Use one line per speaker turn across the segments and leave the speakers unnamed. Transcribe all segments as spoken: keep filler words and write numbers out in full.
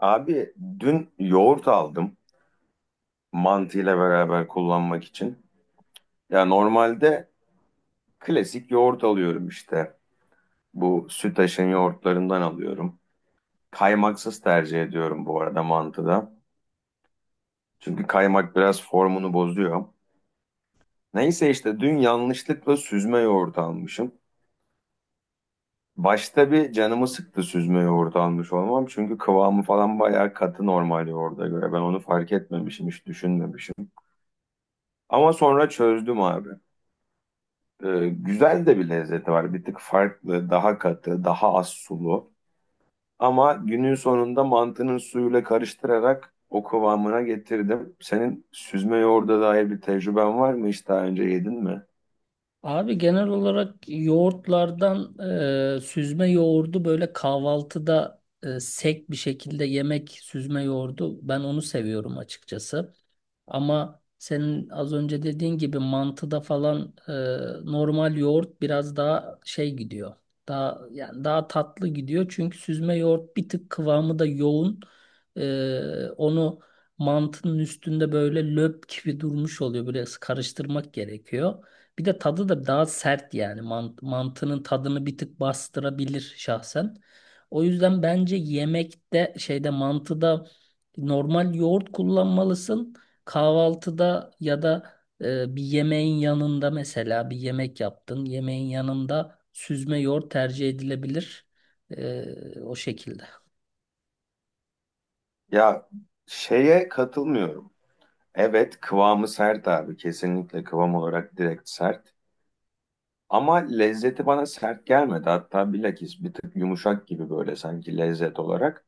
Abi dün yoğurt aldım mantıyla beraber kullanmak için. Ya normalde klasik yoğurt alıyorum işte. Bu Sütaş'ın yoğurtlarından alıyorum. Kaymaksız tercih ediyorum bu arada mantıda. Çünkü kaymak biraz formunu bozuyor. Neyse işte dün yanlışlıkla süzme yoğurt almışım. Başta bir canımı sıktı süzme yoğurt almış olmam. Çünkü kıvamı falan bayağı katı normal yoğurda göre. Ben onu fark etmemişim, hiç düşünmemişim. Ama sonra çözdüm abi. Ee, güzel de bir lezzeti var. Bir tık farklı, daha katı, daha az sulu. Ama günün sonunda mantının suyuyla karıştırarak o kıvamına getirdim. Senin süzme yoğurda dair bir tecrüben var mı? Hiç daha önce yedin mi?
Abi genel olarak yoğurtlardan e, süzme yoğurdu böyle kahvaltıda e, sek bir şekilde yemek süzme yoğurdu ben onu seviyorum açıkçası. Ama senin az önce dediğin gibi mantıda falan e, normal yoğurt biraz daha şey gidiyor. Daha yani daha tatlı gidiyor çünkü süzme yoğurt bir tık kıvamı da yoğun. E, onu mantının üstünde böyle löp gibi durmuş oluyor. Böyle karıştırmak gerekiyor. Bir de tadı da daha sert yani Mant- mantının tadını bir tık bastırabilir şahsen. O yüzden bence yemekte şeyde mantıda normal yoğurt kullanmalısın. Kahvaltıda ya da e, bir yemeğin yanında, mesela bir yemek yaptın. Yemeğin yanında süzme yoğurt tercih edilebilir. E, o şekilde.
Ya şeye katılmıyorum. Evet kıvamı sert abi. Kesinlikle kıvam olarak direkt sert. Ama lezzeti bana sert gelmedi. Hatta bilakis bir tık yumuşak gibi böyle sanki lezzet olarak.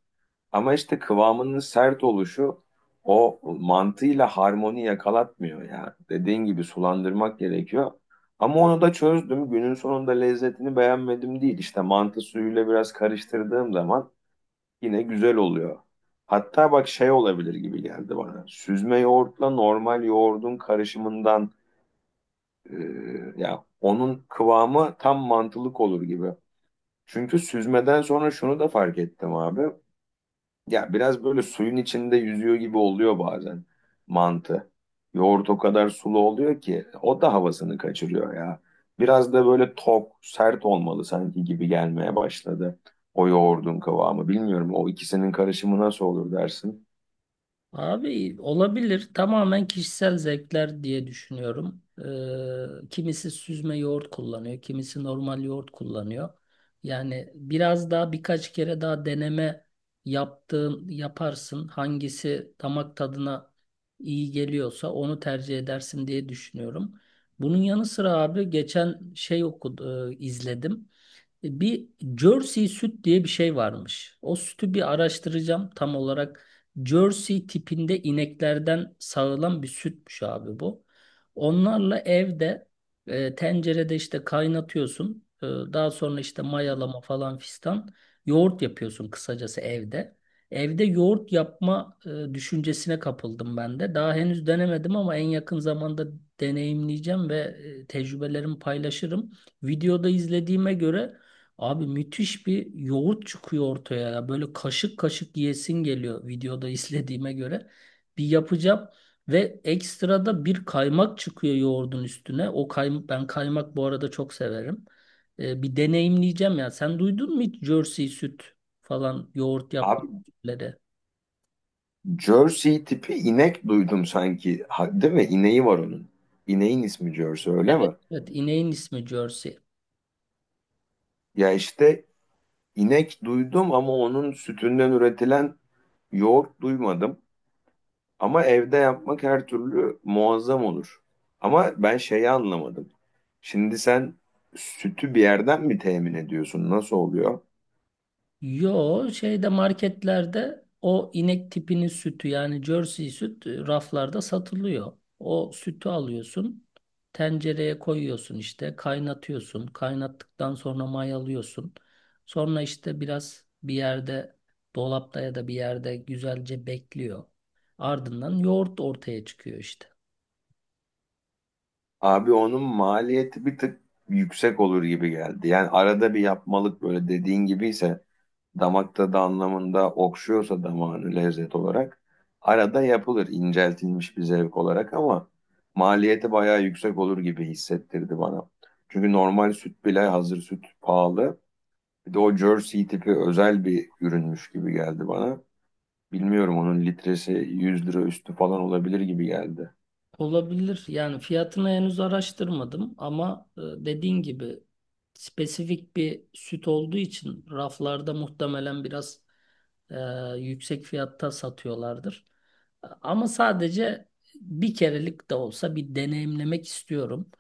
Ama işte kıvamının sert oluşu o mantığıyla harmoni yakalatmıyor ya. Dediğin gibi sulandırmak gerekiyor. Ama onu da çözdüm. Günün sonunda lezzetini beğenmedim değil. İşte mantı suyuyla biraz karıştırdığım zaman yine güzel oluyor. Hatta bak şey olabilir gibi geldi bana. Süzme yoğurtla normal yoğurdun karışımından e, ya onun kıvamı tam mantılık olur gibi. Çünkü süzmeden sonra şunu da fark ettim abi. Ya biraz böyle suyun içinde yüzüyor gibi oluyor bazen mantı. Yoğurt o kadar sulu oluyor ki o da havasını kaçırıyor ya. Biraz da böyle tok, sert olmalı sanki gibi gelmeye başladı. O yoğurdun kıvamı. Bilmiyorum o ikisinin karışımı nasıl olur dersin.
Abi olabilir. Tamamen kişisel zevkler diye düşünüyorum. Ee, kimisi süzme yoğurt kullanıyor, kimisi normal yoğurt kullanıyor. Yani biraz daha, birkaç kere daha deneme yaptığın yaparsın. Hangisi damak tadına iyi geliyorsa onu tercih edersin diye düşünüyorum. Bunun yanı sıra abi geçen şey okudu, e, izledim. E, Bir Jersey süt diye bir şey varmış. O sütü bir araştıracağım tam olarak. Jersey tipinde ineklerden sağılan bir sütmüş abi bu. Onlarla evde e, tencerede işte kaynatıyorsun. E, daha sonra işte mayalama falan fistan. Yoğurt yapıyorsun kısacası evde. Evde yoğurt yapma e, düşüncesine kapıldım ben de. Daha henüz denemedim ama en yakın zamanda deneyimleyeceğim ve e, tecrübelerimi paylaşırım. Videoda izlediğime göre abi müthiş bir yoğurt çıkıyor ortaya ya. Böyle kaşık kaşık yiyesin geliyor videoda izlediğime göre. Bir yapacağım ve ekstra da bir kaymak çıkıyor yoğurdun üstüne. O kaymak, ben kaymak bu arada çok severim. Ee, bir deneyimleyeceğim ya. Sen duydun mu hiç Jersey süt falan yoğurt
Abi
yapmaları?
Jersey tipi inek duydum sanki. Ha, değil mi? İneği var onun. İneğin ismi Jersey öyle
Evet.
mi?
Evet, ineğin ismi Jersey.
Ya işte inek duydum ama onun sütünden üretilen yoğurt duymadım. Ama evde yapmak her türlü muazzam olur. Ama ben şeyi anlamadım. Şimdi sen sütü bir yerden mi temin ediyorsun? Nasıl oluyor?
Yo, şeyde marketlerde o inek tipinin sütü, yani Jersey süt, e, raflarda satılıyor. O sütü alıyorsun, tencereye koyuyorsun, işte kaynatıyorsun. Kaynattıktan sonra mayalıyorsun. Sonra işte biraz bir yerde, dolapta ya da bir yerde güzelce bekliyor. Ardından yoğurt ortaya çıkıyor işte.
Abi onun maliyeti bir tık yüksek olur gibi geldi. Yani arada bir yapmalık böyle dediğin gibiyse damak tadı anlamında okşuyorsa damağını lezzet olarak arada yapılır inceltilmiş bir zevk olarak ama maliyeti bayağı yüksek olur gibi hissettirdi bana. Çünkü normal süt bile hazır süt pahalı. Bir de o jersey tipi özel bir ürünmüş gibi geldi bana. Bilmiyorum onun litresi yüz lira üstü falan olabilir gibi geldi.
Olabilir. Yani fiyatını henüz araştırmadım ama e, dediğin gibi spesifik bir süt olduğu için raflarda muhtemelen biraz e, yüksek fiyatta satıyorlardır. Ama sadece bir kerelik de olsa bir deneyimlemek istiyorum.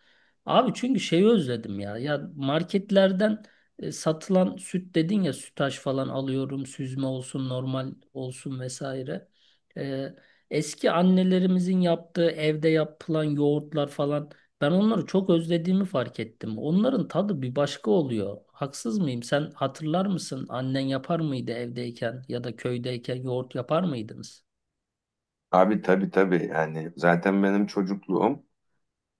Abi çünkü şeyi özledim ya. Ya marketlerden e, satılan süt dedin ya, Sütaş falan alıyorum, süzme olsun, normal olsun vesaire. E, Eski annelerimizin yaptığı evde yapılan yoğurtlar falan, ben onları çok özlediğimi fark ettim. Onların tadı bir başka oluyor. Haksız mıyım? Sen hatırlar mısın? Annen yapar mıydı evdeyken, ya da köydeyken yoğurt yapar mıydınız?
Abi tabii tabii yani zaten benim çocukluğum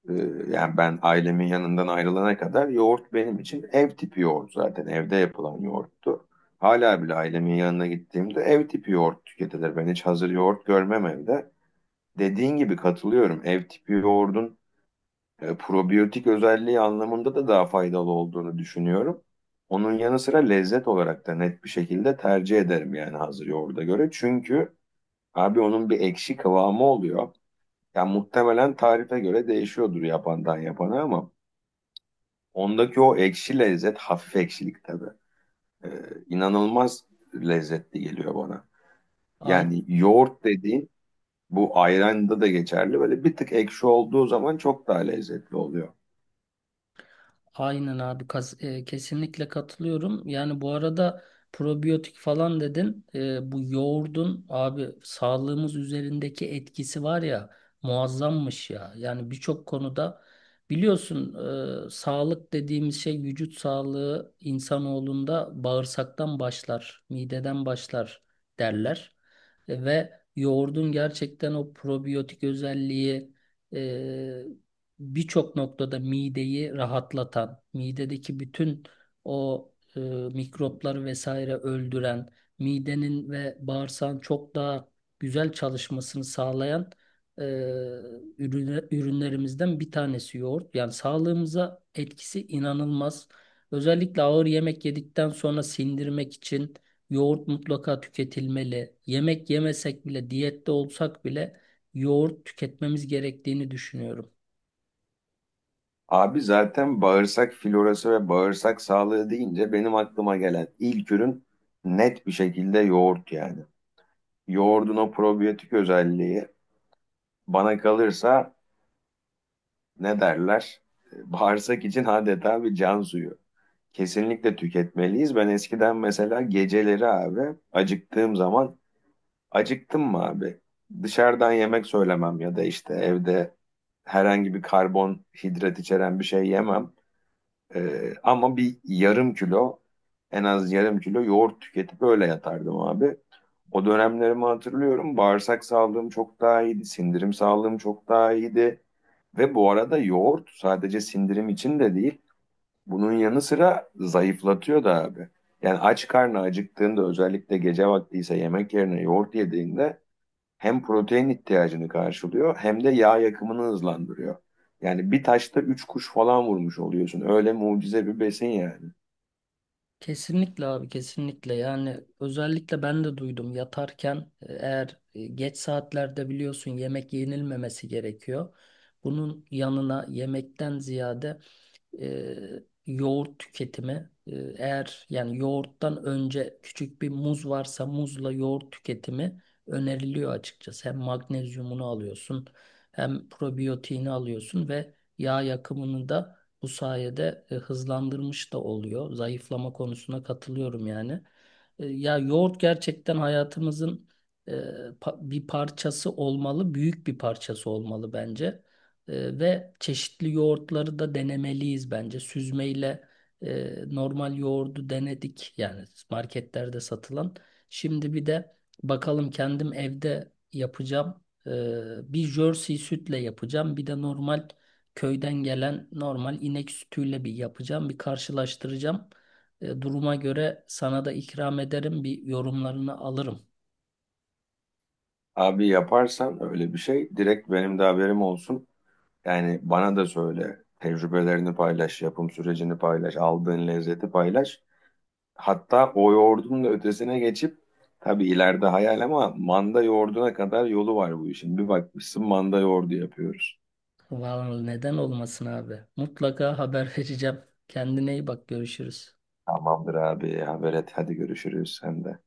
e, yani ben ailemin yanından ayrılana kadar yoğurt benim için ev tipi yoğurt zaten evde yapılan yoğurttu. Hala bile ailemin yanına gittiğimde ev tipi yoğurt tüketilir. Ben hiç hazır yoğurt görmem evde. Dediğin gibi katılıyorum. Ev tipi yoğurdun e, probiyotik özelliği anlamında da daha faydalı olduğunu düşünüyorum. Onun yanı sıra lezzet olarak da net bir şekilde tercih ederim yani hazır yoğurda göre. Çünkü abi onun bir ekşi kıvamı oluyor. Yani muhtemelen tarife göre değişiyordur yapandan yapana ama ondaki o ekşi lezzet hafif ekşilik tabii. e, inanılmaz lezzetli geliyor bana. Yani yoğurt dediğin bu ayranda da geçerli. Böyle bir tık ekşi olduğu zaman çok daha lezzetli oluyor.
Aynen abi, kas- e, kesinlikle katılıyorum. Yani bu arada probiyotik falan dedin. E, bu yoğurdun abi sağlığımız üzerindeki etkisi var ya, muazzammış ya. Yani birçok konuda biliyorsun, e, sağlık dediğimiz şey, vücut sağlığı insanoğlunda bağırsaktan başlar, mideden başlar derler. E, ve yoğurdun gerçekten o probiyotik özelliği e, birçok noktada mideyi rahatlatan, midedeki bütün o e, mikropları vesaire öldüren, midenin ve bağırsağın çok daha güzel çalışmasını sağlayan e, ürüne- ürünlerimizden bir tanesi yoğurt. Yani sağlığımıza etkisi inanılmaz. Özellikle ağır yemek yedikten sonra sindirmek için yoğurt mutlaka tüketilmeli. Yemek yemesek bile, diyette olsak bile yoğurt tüketmemiz gerektiğini düşünüyorum.
Abi zaten bağırsak florası ve bağırsak sağlığı deyince benim aklıma gelen ilk ürün net bir şekilde yoğurt yani. Yoğurdun o probiyotik özelliği bana kalırsa ne derler? Bağırsak için adeta bir can suyu. Kesinlikle tüketmeliyiz. Ben eskiden mesela geceleri abi acıktığım zaman acıktım mı abi? Dışarıdan yemek söylemem ya da işte evde herhangi bir karbonhidrat içeren bir şey yemem. Ee, ama bir yarım kilo en az yarım kilo yoğurt tüketip öyle yatardım abi. O dönemlerimi hatırlıyorum. Bağırsak sağlığım çok daha iyiydi. Sindirim sağlığım çok daha iyiydi. Ve bu arada yoğurt sadece sindirim için de değil. Bunun yanı sıra zayıflatıyor da abi. Yani aç karnı acıktığında özellikle gece vaktiyse yemek yerine yoğurt yediğinde hem protein ihtiyacını karşılıyor hem de yağ yakımını hızlandırıyor. Yani bir taşta üç kuş falan vurmuş oluyorsun. Öyle mucize bir besin yani.
Kesinlikle abi, kesinlikle. Yani özellikle ben de duydum, yatarken e, eğer e, geç saatlerde biliyorsun yemek yenilmemesi gerekiyor. Bunun yanına yemekten ziyade e, yoğurt tüketimi, e, eğer yani yoğurttan önce küçük bir muz varsa muzla yoğurt tüketimi öneriliyor açıkçası. Hem magnezyumunu alıyorsun hem probiyotiğini alıyorsun ve yağ yakımını da bu sayede e, hızlandırmış da oluyor. Zayıflama konusuna katılıyorum yani. E, ya yoğurt gerçekten hayatımızın e, pa- bir parçası olmalı, büyük bir parçası olmalı bence. E, ve çeşitli yoğurtları da denemeliyiz bence. Süzmeyle e, normal yoğurdu denedik, yani marketlerde satılan. Şimdi bir de bakalım kendim evde yapacağım. E, bir Jersey sütle yapacağım. Bir de normal köyden gelen normal inek sütüyle bir yapacağım. Bir karşılaştıracağım. E, duruma göre sana da ikram ederim. Bir yorumlarını alırım.
Abi yaparsan öyle bir şey direkt benim de haberim olsun. Yani bana da söyle. Tecrübelerini paylaş, yapım sürecini paylaş, aldığın lezzeti paylaş. Hatta o yoğurdun da ötesine geçip tabii ileride hayal ama manda yoğurduna kadar yolu var bu işin. Bir bakmışsın manda yoğurdu yapıyoruz.
Vallahi neden olmasın abi. Mutlaka haber vereceğim. Kendine iyi bak, görüşürüz.
Tamamdır abi haber et hadi görüşürüz sen de.